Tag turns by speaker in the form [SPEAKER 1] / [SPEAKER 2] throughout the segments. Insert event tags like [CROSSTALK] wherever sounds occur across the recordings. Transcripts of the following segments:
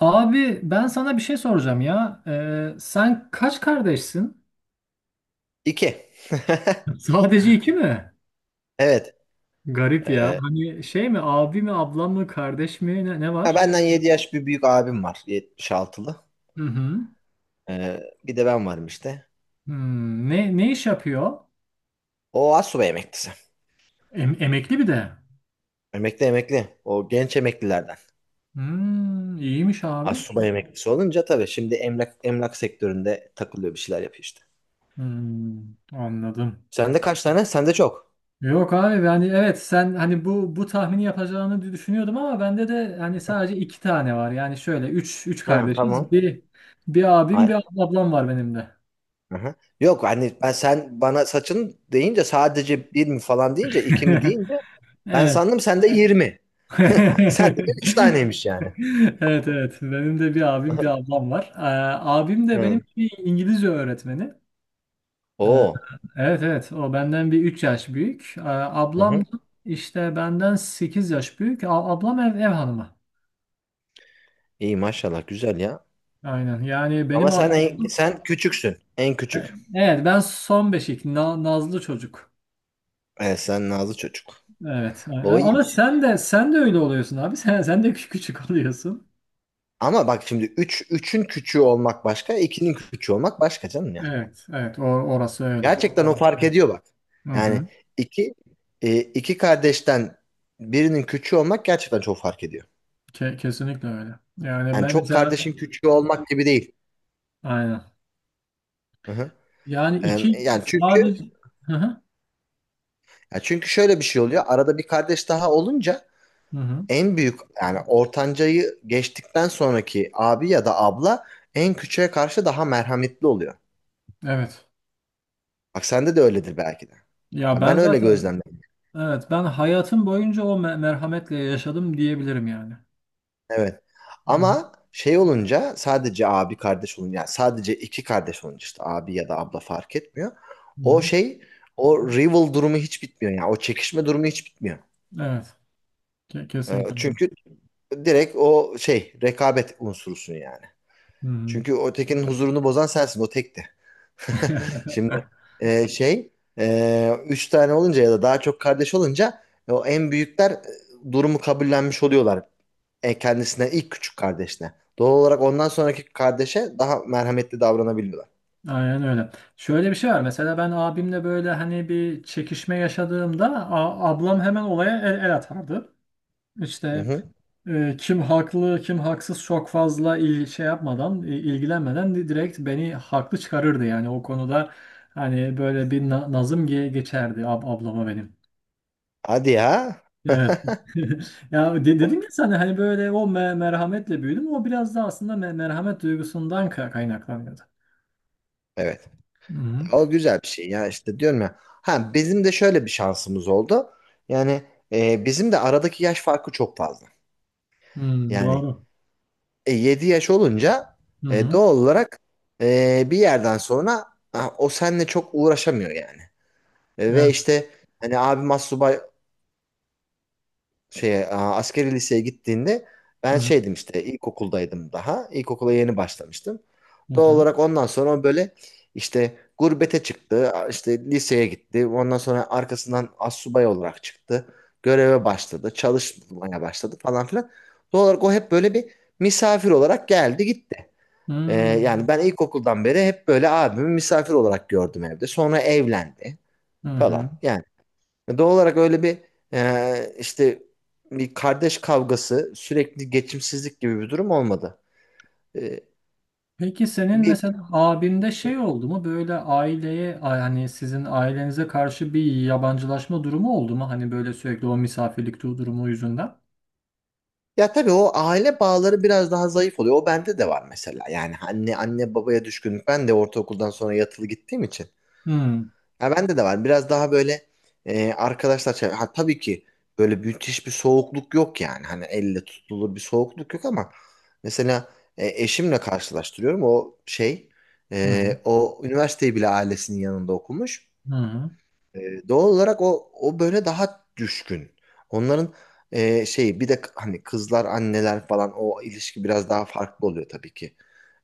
[SPEAKER 1] Abi ben sana bir şey soracağım ya. Sen kaç kardeşsin?
[SPEAKER 2] İki. [LAUGHS]
[SPEAKER 1] [LAUGHS] Sadece iki mi?
[SPEAKER 2] Evet.
[SPEAKER 1] Garip ya.
[SPEAKER 2] Ee,
[SPEAKER 1] Hani şey mi abi mi ablam mı kardeş mi ne
[SPEAKER 2] ha,
[SPEAKER 1] var?
[SPEAKER 2] benden 7 yaş bir büyük abim var. 76'lı.
[SPEAKER 1] Hı hı.
[SPEAKER 2] Bir de ben varım işte.
[SPEAKER 1] Ne iş yapıyor?
[SPEAKER 2] O assubay emeklisi.
[SPEAKER 1] Emekli bir de.
[SPEAKER 2] Emekli emekli. O genç emeklilerden.
[SPEAKER 1] Hmm, iyiymiş abi.
[SPEAKER 2] Assubay emeklisi olunca tabii şimdi emlak sektöründe takılıyor, bir şeyler yapıyor işte.
[SPEAKER 1] Hmm, anladım.
[SPEAKER 2] Sende kaç tane? Sende çok.
[SPEAKER 1] Yok abi, yani evet, sen hani bu tahmini yapacağını düşünüyordum ama bende de hani sadece iki tane var. Yani şöyle üç
[SPEAKER 2] Ha,
[SPEAKER 1] kardeşiz.
[SPEAKER 2] tamam.
[SPEAKER 1] Bir abim, bir
[SPEAKER 2] Ay,
[SPEAKER 1] ablam var benim de.
[SPEAKER 2] aha. Yok hani ben sen bana saçın deyince sadece bir mi falan deyince iki mi deyince
[SPEAKER 1] [LAUGHS]
[SPEAKER 2] ben
[SPEAKER 1] Evet.
[SPEAKER 2] sandım sende 20. [LAUGHS] Sende de üç
[SPEAKER 1] [LAUGHS]
[SPEAKER 2] taneymiş yani.
[SPEAKER 1] Evet, evet. Benim de bir abim,
[SPEAKER 2] Aha.
[SPEAKER 1] bir ablam var. Abim de benim
[SPEAKER 2] Hı.
[SPEAKER 1] bir İngilizce öğretmeni. Ee,
[SPEAKER 2] O.
[SPEAKER 1] evet, evet. O benden bir 3 yaş büyük. Ablam da işte benden 8 yaş büyük. Ablam ev hanımı.
[SPEAKER 2] İyi maşallah, güzel ya.
[SPEAKER 1] Aynen. Yani benim
[SPEAKER 2] Ama sen
[SPEAKER 1] ablam.
[SPEAKER 2] sen küçüksün. En küçük.
[SPEAKER 1] Evet, ben son beşik. Nazlı çocuk.
[SPEAKER 2] Evet, sen nazlı çocuk.
[SPEAKER 1] Evet.
[SPEAKER 2] O
[SPEAKER 1] Ama
[SPEAKER 2] iyiymiş.
[SPEAKER 1] sen de öyle oluyorsun abi. [LAUGHS] Sen de küçük oluyorsun.
[SPEAKER 2] Ama bak, şimdi üçün küçüğü olmak başka, ikinin küçüğü olmak başka canım yani.
[SPEAKER 1] Evet, evet. Orası öyle.
[SPEAKER 2] Gerçekten o fark ediyor, bak.
[SPEAKER 1] Hı
[SPEAKER 2] Yani
[SPEAKER 1] hı.
[SPEAKER 2] iki iki kardeşten birinin küçüğü olmak gerçekten çok fark ediyor.
[SPEAKER 1] Kesinlikle öyle. Yani
[SPEAKER 2] Yani
[SPEAKER 1] ben,
[SPEAKER 2] çok
[SPEAKER 1] mesela,
[SPEAKER 2] kardeşin küçüğü olmak gibi değil.
[SPEAKER 1] aynen.
[SPEAKER 2] Hı hı.
[SPEAKER 1] Yani iki
[SPEAKER 2] Yani çünkü
[SPEAKER 1] sadece. Hı hı.
[SPEAKER 2] ya çünkü şöyle bir şey oluyor. Arada bir kardeş daha olunca
[SPEAKER 1] Hı hı.
[SPEAKER 2] en büyük, yani ortancayı geçtikten sonraki abi ya da abla en küçüğe karşı daha merhametli oluyor.
[SPEAKER 1] Evet.
[SPEAKER 2] Bak sende de öyledir belki de.
[SPEAKER 1] Ya
[SPEAKER 2] Ha,
[SPEAKER 1] ben
[SPEAKER 2] ben öyle
[SPEAKER 1] zaten,
[SPEAKER 2] gözlemledim.
[SPEAKER 1] evet, ben hayatım boyunca o merhametle yaşadım diyebilirim yani.
[SPEAKER 2] Evet.
[SPEAKER 1] Hı hı.
[SPEAKER 2] Ama şey olunca, sadece abi kardeş olunca, yani sadece iki kardeş olunca işte abi ya da abla fark etmiyor.
[SPEAKER 1] Hı
[SPEAKER 2] O
[SPEAKER 1] hı.
[SPEAKER 2] şey, o rival durumu hiç bitmiyor yani, o çekişme durumu hiç bitmiyor.
[SPEAKER 1] Evet. Ke- kesinlikle. Öyle.
[SPEAKER 2] Çünkü direkt o şey rekabet unsurusun yani.
[SPEAKER 1] Hı hı.
[SPEAKER 2] Çünkü o tekinin huzurunu bozan sensin, o tekti. [LAUGHS] Şimdi
[SPEAKER 1] [LAUGHS]
[SPEAKER 2] şey üç tane olunca ya da daha çok kardeş olunca o en büyükler durumu kabullenmiş oluyorlar. Kendisine, ilk küçük kardeşine. Doğal olarak ondan sonraki kardeşe daha merhametli davranabiliyorlar.
[SPEAKER 1] Aynen öyle. Şöyle bir şey var. Mesela ben abimle böyle hani bir çekişme yaşadığımda ablam hemen olaya el atardı.
[SPEAKER 2] Hı
[SPEAKER 1] İşte,
[SPEAKER 2] hı.
[SPEAKER 1] kim haklı kim haksız çok fazla şey yapmadan, ilgilenmeden direkt beni haklı çıkarırdı yani. O konuda hani böyle bir nazım geçerdi ablama benim.
[SPEAKER 2] Hadi ya.
[SPEAKER 1] Evet. [LAUGHS] Ya de-
[SPEAKER 2] O-
[SPEAKER 1] dedim ya sana, hani böyle o merhametle büyüdüm. O biraz da aslında merhamet duygusundan kaynaklanıyordu.
[SPEAKER 2] Evet.
[SPEAKER 1] Hı hı.
[SPEAKER 2] Ya o güzel bir şey ya, işte diyorum ya. Ha, bizim de şöyle bir şansımız oldu. Yani bizim de aradaki yaş farkı çok fazla.
[SPEAKER 1] Hmm,
[SPEAKER 2] Yani
[SPEAKER 1] doğru.
[SPEAKER 2] 7 yaş olunca
[SPEAKER 1] Hı hı.
[SPEAKER 2] doğal olarak bir yerden sonra ha, o seninle çok uğraşamıyor yani. Ve
[SPEAKER 1] Evet.
[SPEAKER 2] işte hani abim astsubay şey askeri liseye gittiğinde
[SPEAKER 1] Hı
[SPEAKER 2] ben
[SPEAKER 1] hı.
[SPEAKER 2] şeydim işte, ilkokuldaydım daha. İlkokula yeni başlamıştım.
[SPEAKER 1] Hı
[SPEAKER 2] Doğal
[SPEAKER 1] hı.
[SPEAKER 2] olarak ondan sonra o böyle işte gurbete çıktı, işte liseye gitti. Ondan sonra arkasından astsubay olarak çıktı. Göreve başladı, çalışmaya başladı falan filan. Doğal olarak o hep böyle bir misafir olarak geldi gitti. Yani
[SPEAKER 1] Hmm.
[SPEAKER 2] ben ilkokuldan beri hep böyle abimi misafir olarak gördüm evde. Sonra evlendi
[SPEAKER 1] Hı hı. Hı.
[SPEAKER 2] falan. Yani doğal olarak öyle bir işte bir kardeş kavgası, sürekli geçimsizlik gibi bir durum olmadı. Ee,
[SPEAKER 1] Peki, senin
[SPEAKER 2] bir,
[SPEAKER 1] mesela abinde şey oldu mu, böyle aileye, hani sizin ailenize karşı bir yabancılaşma durumu oldu mu? Hani böyle sürekli o misafirlik durumu yüzünden.
[SPEAKER 2] ya tabii o aile bağları biraz daha zayıf oluyor. O bende de var mesela. Yani anne babaya düşkünlük. Ben de ortaokuldan sonra yatılı gittiğim için.
[SPEAKER 1] Hmm.
[SPEAKER 2] Ha, bende de var. Biraz daha böyle ha, tabii ki böyle müthiş bir soğukluk yok yani. Hani elle tutulur bir soğukluk yok ama mesela eşimle karşılaştırıyorum. O şey
[SPEAKER 1] Hı hı.
[SPEAKER 2] o üniversiteyi bile ailesinin yanında okumuş.
[SPEAKER 1] Hı hı.
[SPEAKER 2] Doğal olarak o böyle daha düşkün. Onların şeyi, bir de hani kızlar anneler falan, o ilişki biraz daha farklı oluyor tabii ki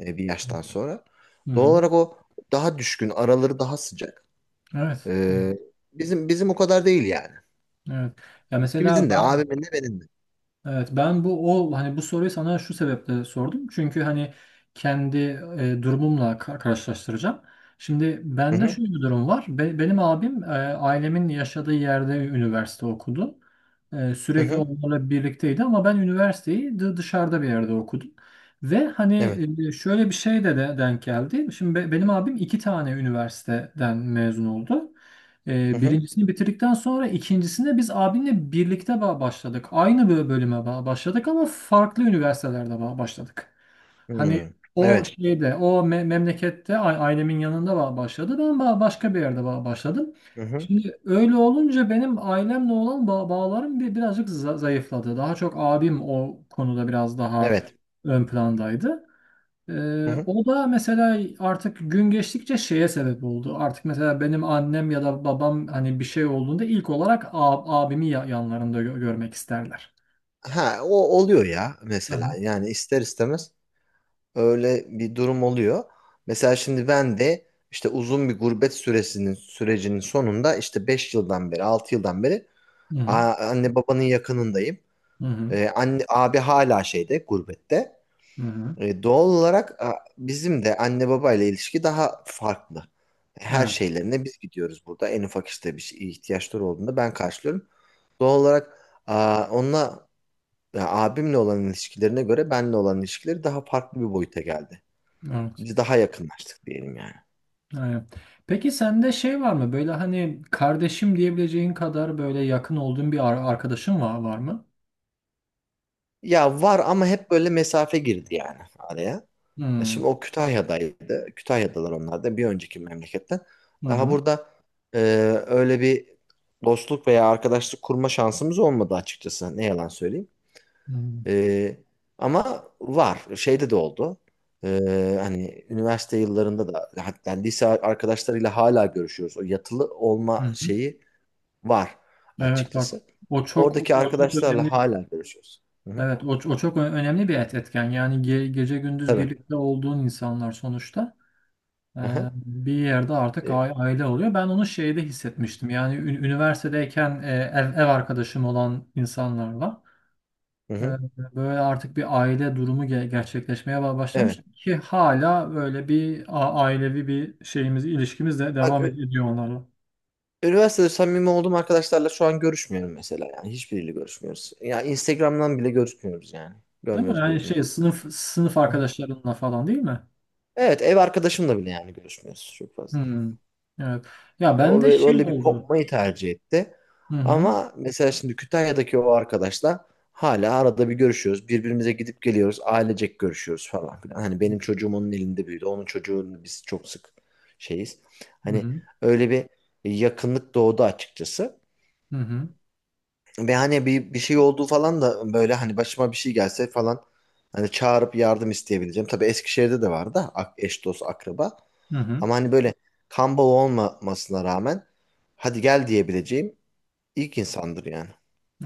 [SPEAKER 2] bir yaştan sonra.
[SPEAKER 1] Hı
[SPEAKER 2] Doğal
[SPEAKER 1] hı.
[SPEAKER 2] olarak o daha düşkün, araları daha sıcak.
[SPEAKER 1] Evet.
[SPEAKER 2] Ee, bizim o kadar değil yani.
[SPEAKER 1] Evet. Ya mesela
[SPEAKER 2] İkimizin de,
[SPEAKER 1] ben.
[SPEAKER 2] abimin de benim de.
[SPEAKER 1] Evet, ben bu, o hani bu soruyu sana şu sebeple sordum. Çünkü hani kendi, durumumla karşılaştıracağım. Şimdi
[SPEAKER 2] Hı
[SPEAKER 1] bende
[SPEAKER 2] hı.
[SPEAKER 1] şöyle bir durum var. Benim abim, ailemin yaşadığı yerde üniversite okudu. E,
[SPEAKER 2] Hı
[SPEAKER 1] sürekli
[SPEAKER 2] hı.
[SPEAKER 1] onlarla birlikteydi ama ben üniversiteyi dışarıda bir yerde okudum. Ve hani,
[SPEAKER 2] Evet.
[SPEAKER 1] şöyle bir şey de denk geldi. Şimdi benim abim iki tane üniversiteden mezun oldu.
[SPEAKER 2] Hı hı.
[SPEAKER 1] Birincisini bitirdikten sonra ikincisinde biz abimle birlikte başladık. Aynı bölüme başladık ama farklı üniversitelerde başladık. Hani
[SPEAKER 2] Hı.
[SPEAKER 1] o
[SPEAKER 2] Evet.
[SPEAKER 1] şeyde, o memlekette, ailemin yanında başladı. Ben başka bir yerde başladım.
[SPEAKER 2] Hı hı.
[SPEAKER 1] Şimdi öyle olunca benim ailemle olan bağlarım birazcık zayıfladı. Daha çok abim o konuda biraz daha
[SPEAKER 2] Evet.
[SPEAKER 1] ön plandaydı.
[SPEAKER 2] Hı
[SPEAKER 1] Ee,
[SPEAKER 2] hı.
[SPEAKER 1] o da mesela artık gün geçtikçe şeye sebep oldu. Artık mesela benim annem ya da babam, hani bir şey olduğunda ilk olarak abimi yanlarında görmek isterler.
[SPEAKER 2] Ha, o oluyor ya
[SPEAKER 1] Hı
[SPEAKER 2] mesela,
[SPEAKER 1] hı.
[SPEAKER 2] yani ister istemez öyle bir durum oluyor. Mesela şimdi ben de işte uzun bir gurbet süresinin sürecinin sonunda, işte 5 yıldan beri 6 yıldan beri
[SPEAKER 1] Hı hı.
[SPEAKER 2] anne babanın yakınındayım.
[SPEAKER 1] Hı hı.
[SPEAKER 2] Anne abi hala şeyde, gurbette.
[SPEAKER 1] Hı hı.
[SPEAKER 2] Doğal olarak bizim de anne babayla ilişki daha farklı. Her
[SPEAKER 1] Evet.
[SPEAKER 2] şeylerine biz gidiyoruz burada. En ufak işte bir şey, ihtiyaçları olduğunda ben karşılıyorum. Doğal olarak onunla, ya, abimle olan ilişkilerine göre benle olan ilişkileri daha farklı bir boyuta geldi.
[SPEAKER 1] Evet.
[SPEAKER 2] Biz daha yakınlaştık diyelim yani.
[SPEAKER 1] Aynen. Peki, sende şey var mı? Böyle hani kardeşim diyebileceğin kadar böyle yakın olduğun bir arkadaşın var, mı?
[SPEAKER 2] Ya var, ama hep böyle mesafe girdi yani araya.
[SPEAKER 1] Hı hı.
[SPEAKER 2] Şimdi o Kütahya'daydı. Kütahya'dalar onlar da bir önceki memleketten.
[SPEAKER 1] Hı
[SPEAKER 2] Daha
[SPEAKER 1] hı.
[SPEAKER 2] burada e, öyle bir dostluk veya arkadaşlık kurma şansımız olmadı açıkçası. Ne yalan söyleyeyim. E, ama var. Şeyde de oldu. E, hani üniversite yıllarında da, hatta lise arkadaşlarıyla hala görüşüyoruz. O yatılı
[SPEAKER 1] Hı
[SPEAKER 2] olma
[SPEAKER 1] hı.
[SPEAKER 2] şeyi var
[SPEAKER 1] Evet, bak.
[SPEAKER 2] açıkçası.
[SPEAKER 1] O çok
[SPEAKER 2] Oradaki
[SPEAKER 1] o çok
[SPEAKER 2] arkadaşlarla
[SPEAKER 1] önemli.
[SPEAKER 2] hala görüşüyoruz. Hı hı.
[SPEAKER 1] Evet, o çok önemli bir etken. Yani gece gündüz
[SPEAKER 2] Tabii.
[SPEAKER 1] birlikte olduğun insanlar sonuçta, e,
[SPEAKER 2] Hı hı.
[SPEAKER 1] bir yerde artık
[SPEAKER 2] E,
[SPEAKER 1] aile oluyor. Ben onu şeyde hissetmiştim. Yani üniversitedeyken, ev arkadaşım olan insanlarla,
[SPEAKER 2] hı
[SPEAKER 1] e,
[SPEAKER 2] hı.
[SPEAKER 1] böyle artık bir aile durumu gerçekleşmeye başlamış
[SPEAKER 2] Evet.
[SPEAKER 1] ki hala böyle bir ailevi bir şeyimiz, ilişkimiz de
[SPEAKER 2] Bak,
[SPEAKER 1] devam
[SPEAKER 2] e,
[SPEAKER 1] ediyor onlarla.
[SPEAKER 2] Üniversitede samimi olduğum arkadaşlarla şu an görüşmüyorum mesela yani. Hiçbiriyle görüşmüyoruz. Ya Instagram'dan bile görüşmüyoruz yani.
[SPEAKER 1] Değil mi?
[SPEAKER 2] Görmüyoruz
[SPEAKER 1] Yani şey,
[SPEAKER 2] birbirimizi.
[SPEAKER 1] sınıf
[SPEAKER 2] Aha.
[SPEAKER 1] arkadaşlarınla falan, değil mi?
[SPEAKER 2] Evet, ev arkadaşımla bile yani görüşmüyoruz çok fazla.
[SPEAKER 1] Hmm. Evet. Ya
[SPEAKER 2] O
[SPEAKER 1] ben de
[SPEAKER 2] bö-
[SPEAKER 1] şey
[SPEAKER 2] böyle bir
[SPEAKER 1] oldu.
[SPEAKER 2] kopmayı tercih etti.
[SPEAKER 1] Hı hı.
[SPEAKER 2] Ama mesela şimdi Kütahya'daki o arkadaşla hala arada bir görüşüyoruz. Birbirimize gidip geliyoruz. Ailecek görüşüyoruz falan filan. Hani
[SPEAKER 1] Hı
[SPEAKER 2] benim çocuğum onun elinde büyüdü. Onun çocuğunu biz çok sık şeyiz. Hani
[SPEAKER 1] hı,
[SPEAKER 2] öyle bir yakınlık doğdu açıkçası.
[SPEAKER 1] hı hı,
[SPEAKER 2] Ve hani bir şey olduğu falan da, böyle hani başıma bir şey gelse falan, hani çağırıp yardım isteyebileceğim. Tabii Eskişehir'de de vardı eş dost akraba.
[SPEAKER 1] hı hı,
[SPEAKER 2] Ama hani böyle, kan bağı olmamasına rağmen hadi gel diyebileceğim ilk insandır yani.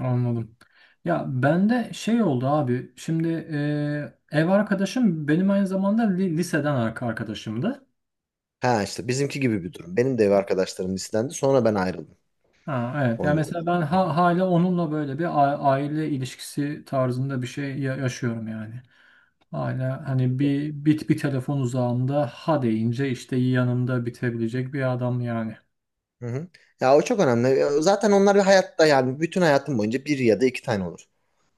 [SPEAKER 1] anladım. Ya bende şey oldu abi. Şimdi, ev arkadaşım benim aynı zamanda liseden arkadaşımdı.
[SPEAKER 2] Ha işte bizimki gibi bir durum. Benim de ev arkadaşlarım listendi, sonra ben ayrıldım
[SPEAKER 1] Ha, evet. Ya mesela
[SPEAKER 2] onlardan.
[SPEAKER 1] ben ha- hala onunla böyle bir aile ilişkisi tarzında bir şey yaşıyorum yani. Hala hani bir, bir telefon uzağında, ha deyince işte yanımda bitebilecek bir adam yani.
[SPEAKER 2] Hı hı. Ya o çok önemli. Zaten onlar bir hayatta, yani bütün hayatım boyunca bir ya da iki tane olur.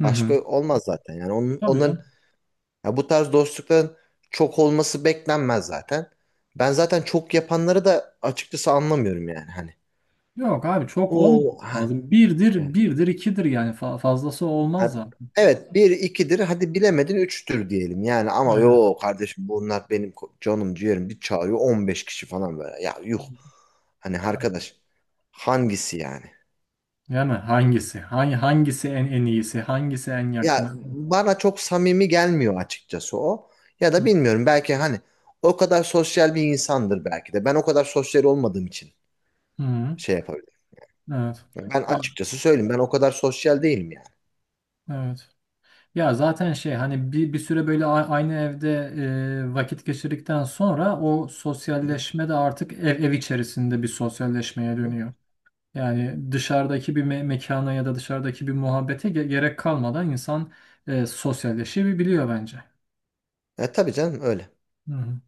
[SPEAKER 1] Hı hı.
[SPEAKER 2] Başka olmaz zaten yani. Onun,
[SPEAKER 1] Tabii
[SPEAKER 2] onların.
[SPEAKER 1] canım.
[SPEAKER 2] Ya bu tarz dostlukların çok olması beklenmez zaten. Ben zaten çok yapanları da açıkçası anlamıyorum yani hani.
[SPEAKER 1] Yok abi, çok olmaz
[SPEAKER 2] O ha,
[SPEAKER 1] lazım. Birdir,
[SPEAKER 2] yani.
[SPEAKER 1] birdir, ikidir yani. Fazlası olmaz
[SPEAKER 2] Ha,
[SPEAKER 1] zaten.
[SPEAKER 2] evet, bir ikidir, hadi bilemedin üçtür diyelim yani, ama
[SPEAKER 1] Aynen.
[SPEAKER 2] yo kardeşim, bunlar benim canım ciğerim, bir çağırıyor 15 kişi falan, böyle ya, yuh, hani
[SPEAKER 1] Tamam.
[SPEAKER 2] arkadaş hangisi yani?
[SPEAKER 1] Yani hangisi? Hangisi en iyisi? Hangisi en
[SPEAKER 2] Ya
[SPEAKER 1] yakını?
[SPEAKER 2] bana çok samimi gelmiyor açıkçası o, ya da
[SPEAKER 1] Hı.
[SPEAKER 2] bilmiyorum, belki hani o kadar sosyal bir insandır, belki de ben o kadar sosyal olmadığım için
[SPEAKER 1] Hı.
[SPEAKER 2] şey yapabilirim.
[SPEAKER 1] Evet.
[SPEAKER 2] Ben
[SPEAKER 1] Ya,
[SPEAKER 2] açıkçası söyleyeyim, ben o kadar sosyal değilim yani.
[SPEAKER 1] evet. Ya zaten şey, hani bir süre böyle aynı evde, vakit geçirdikten sonra o
[SPEAKER 2] Hı hı.
[SPEAKER 1] sosyalleşme de artık ev içerisinde bir
[SPEAKER 2] Hı
[SPEAKER 1] sosyalleşmeye
[SPEAKER 2] hı.
[SPEAKER 1] dönüyor. Yani dışarıdaki bir mekana ya da dışarıdaki bir muhabbete gerek kalmadan insan, sosyalleşebiliyor bence.
[SPEAKER 2] Tabii canım, öyle.
[SPEAKER 1] Hı hı.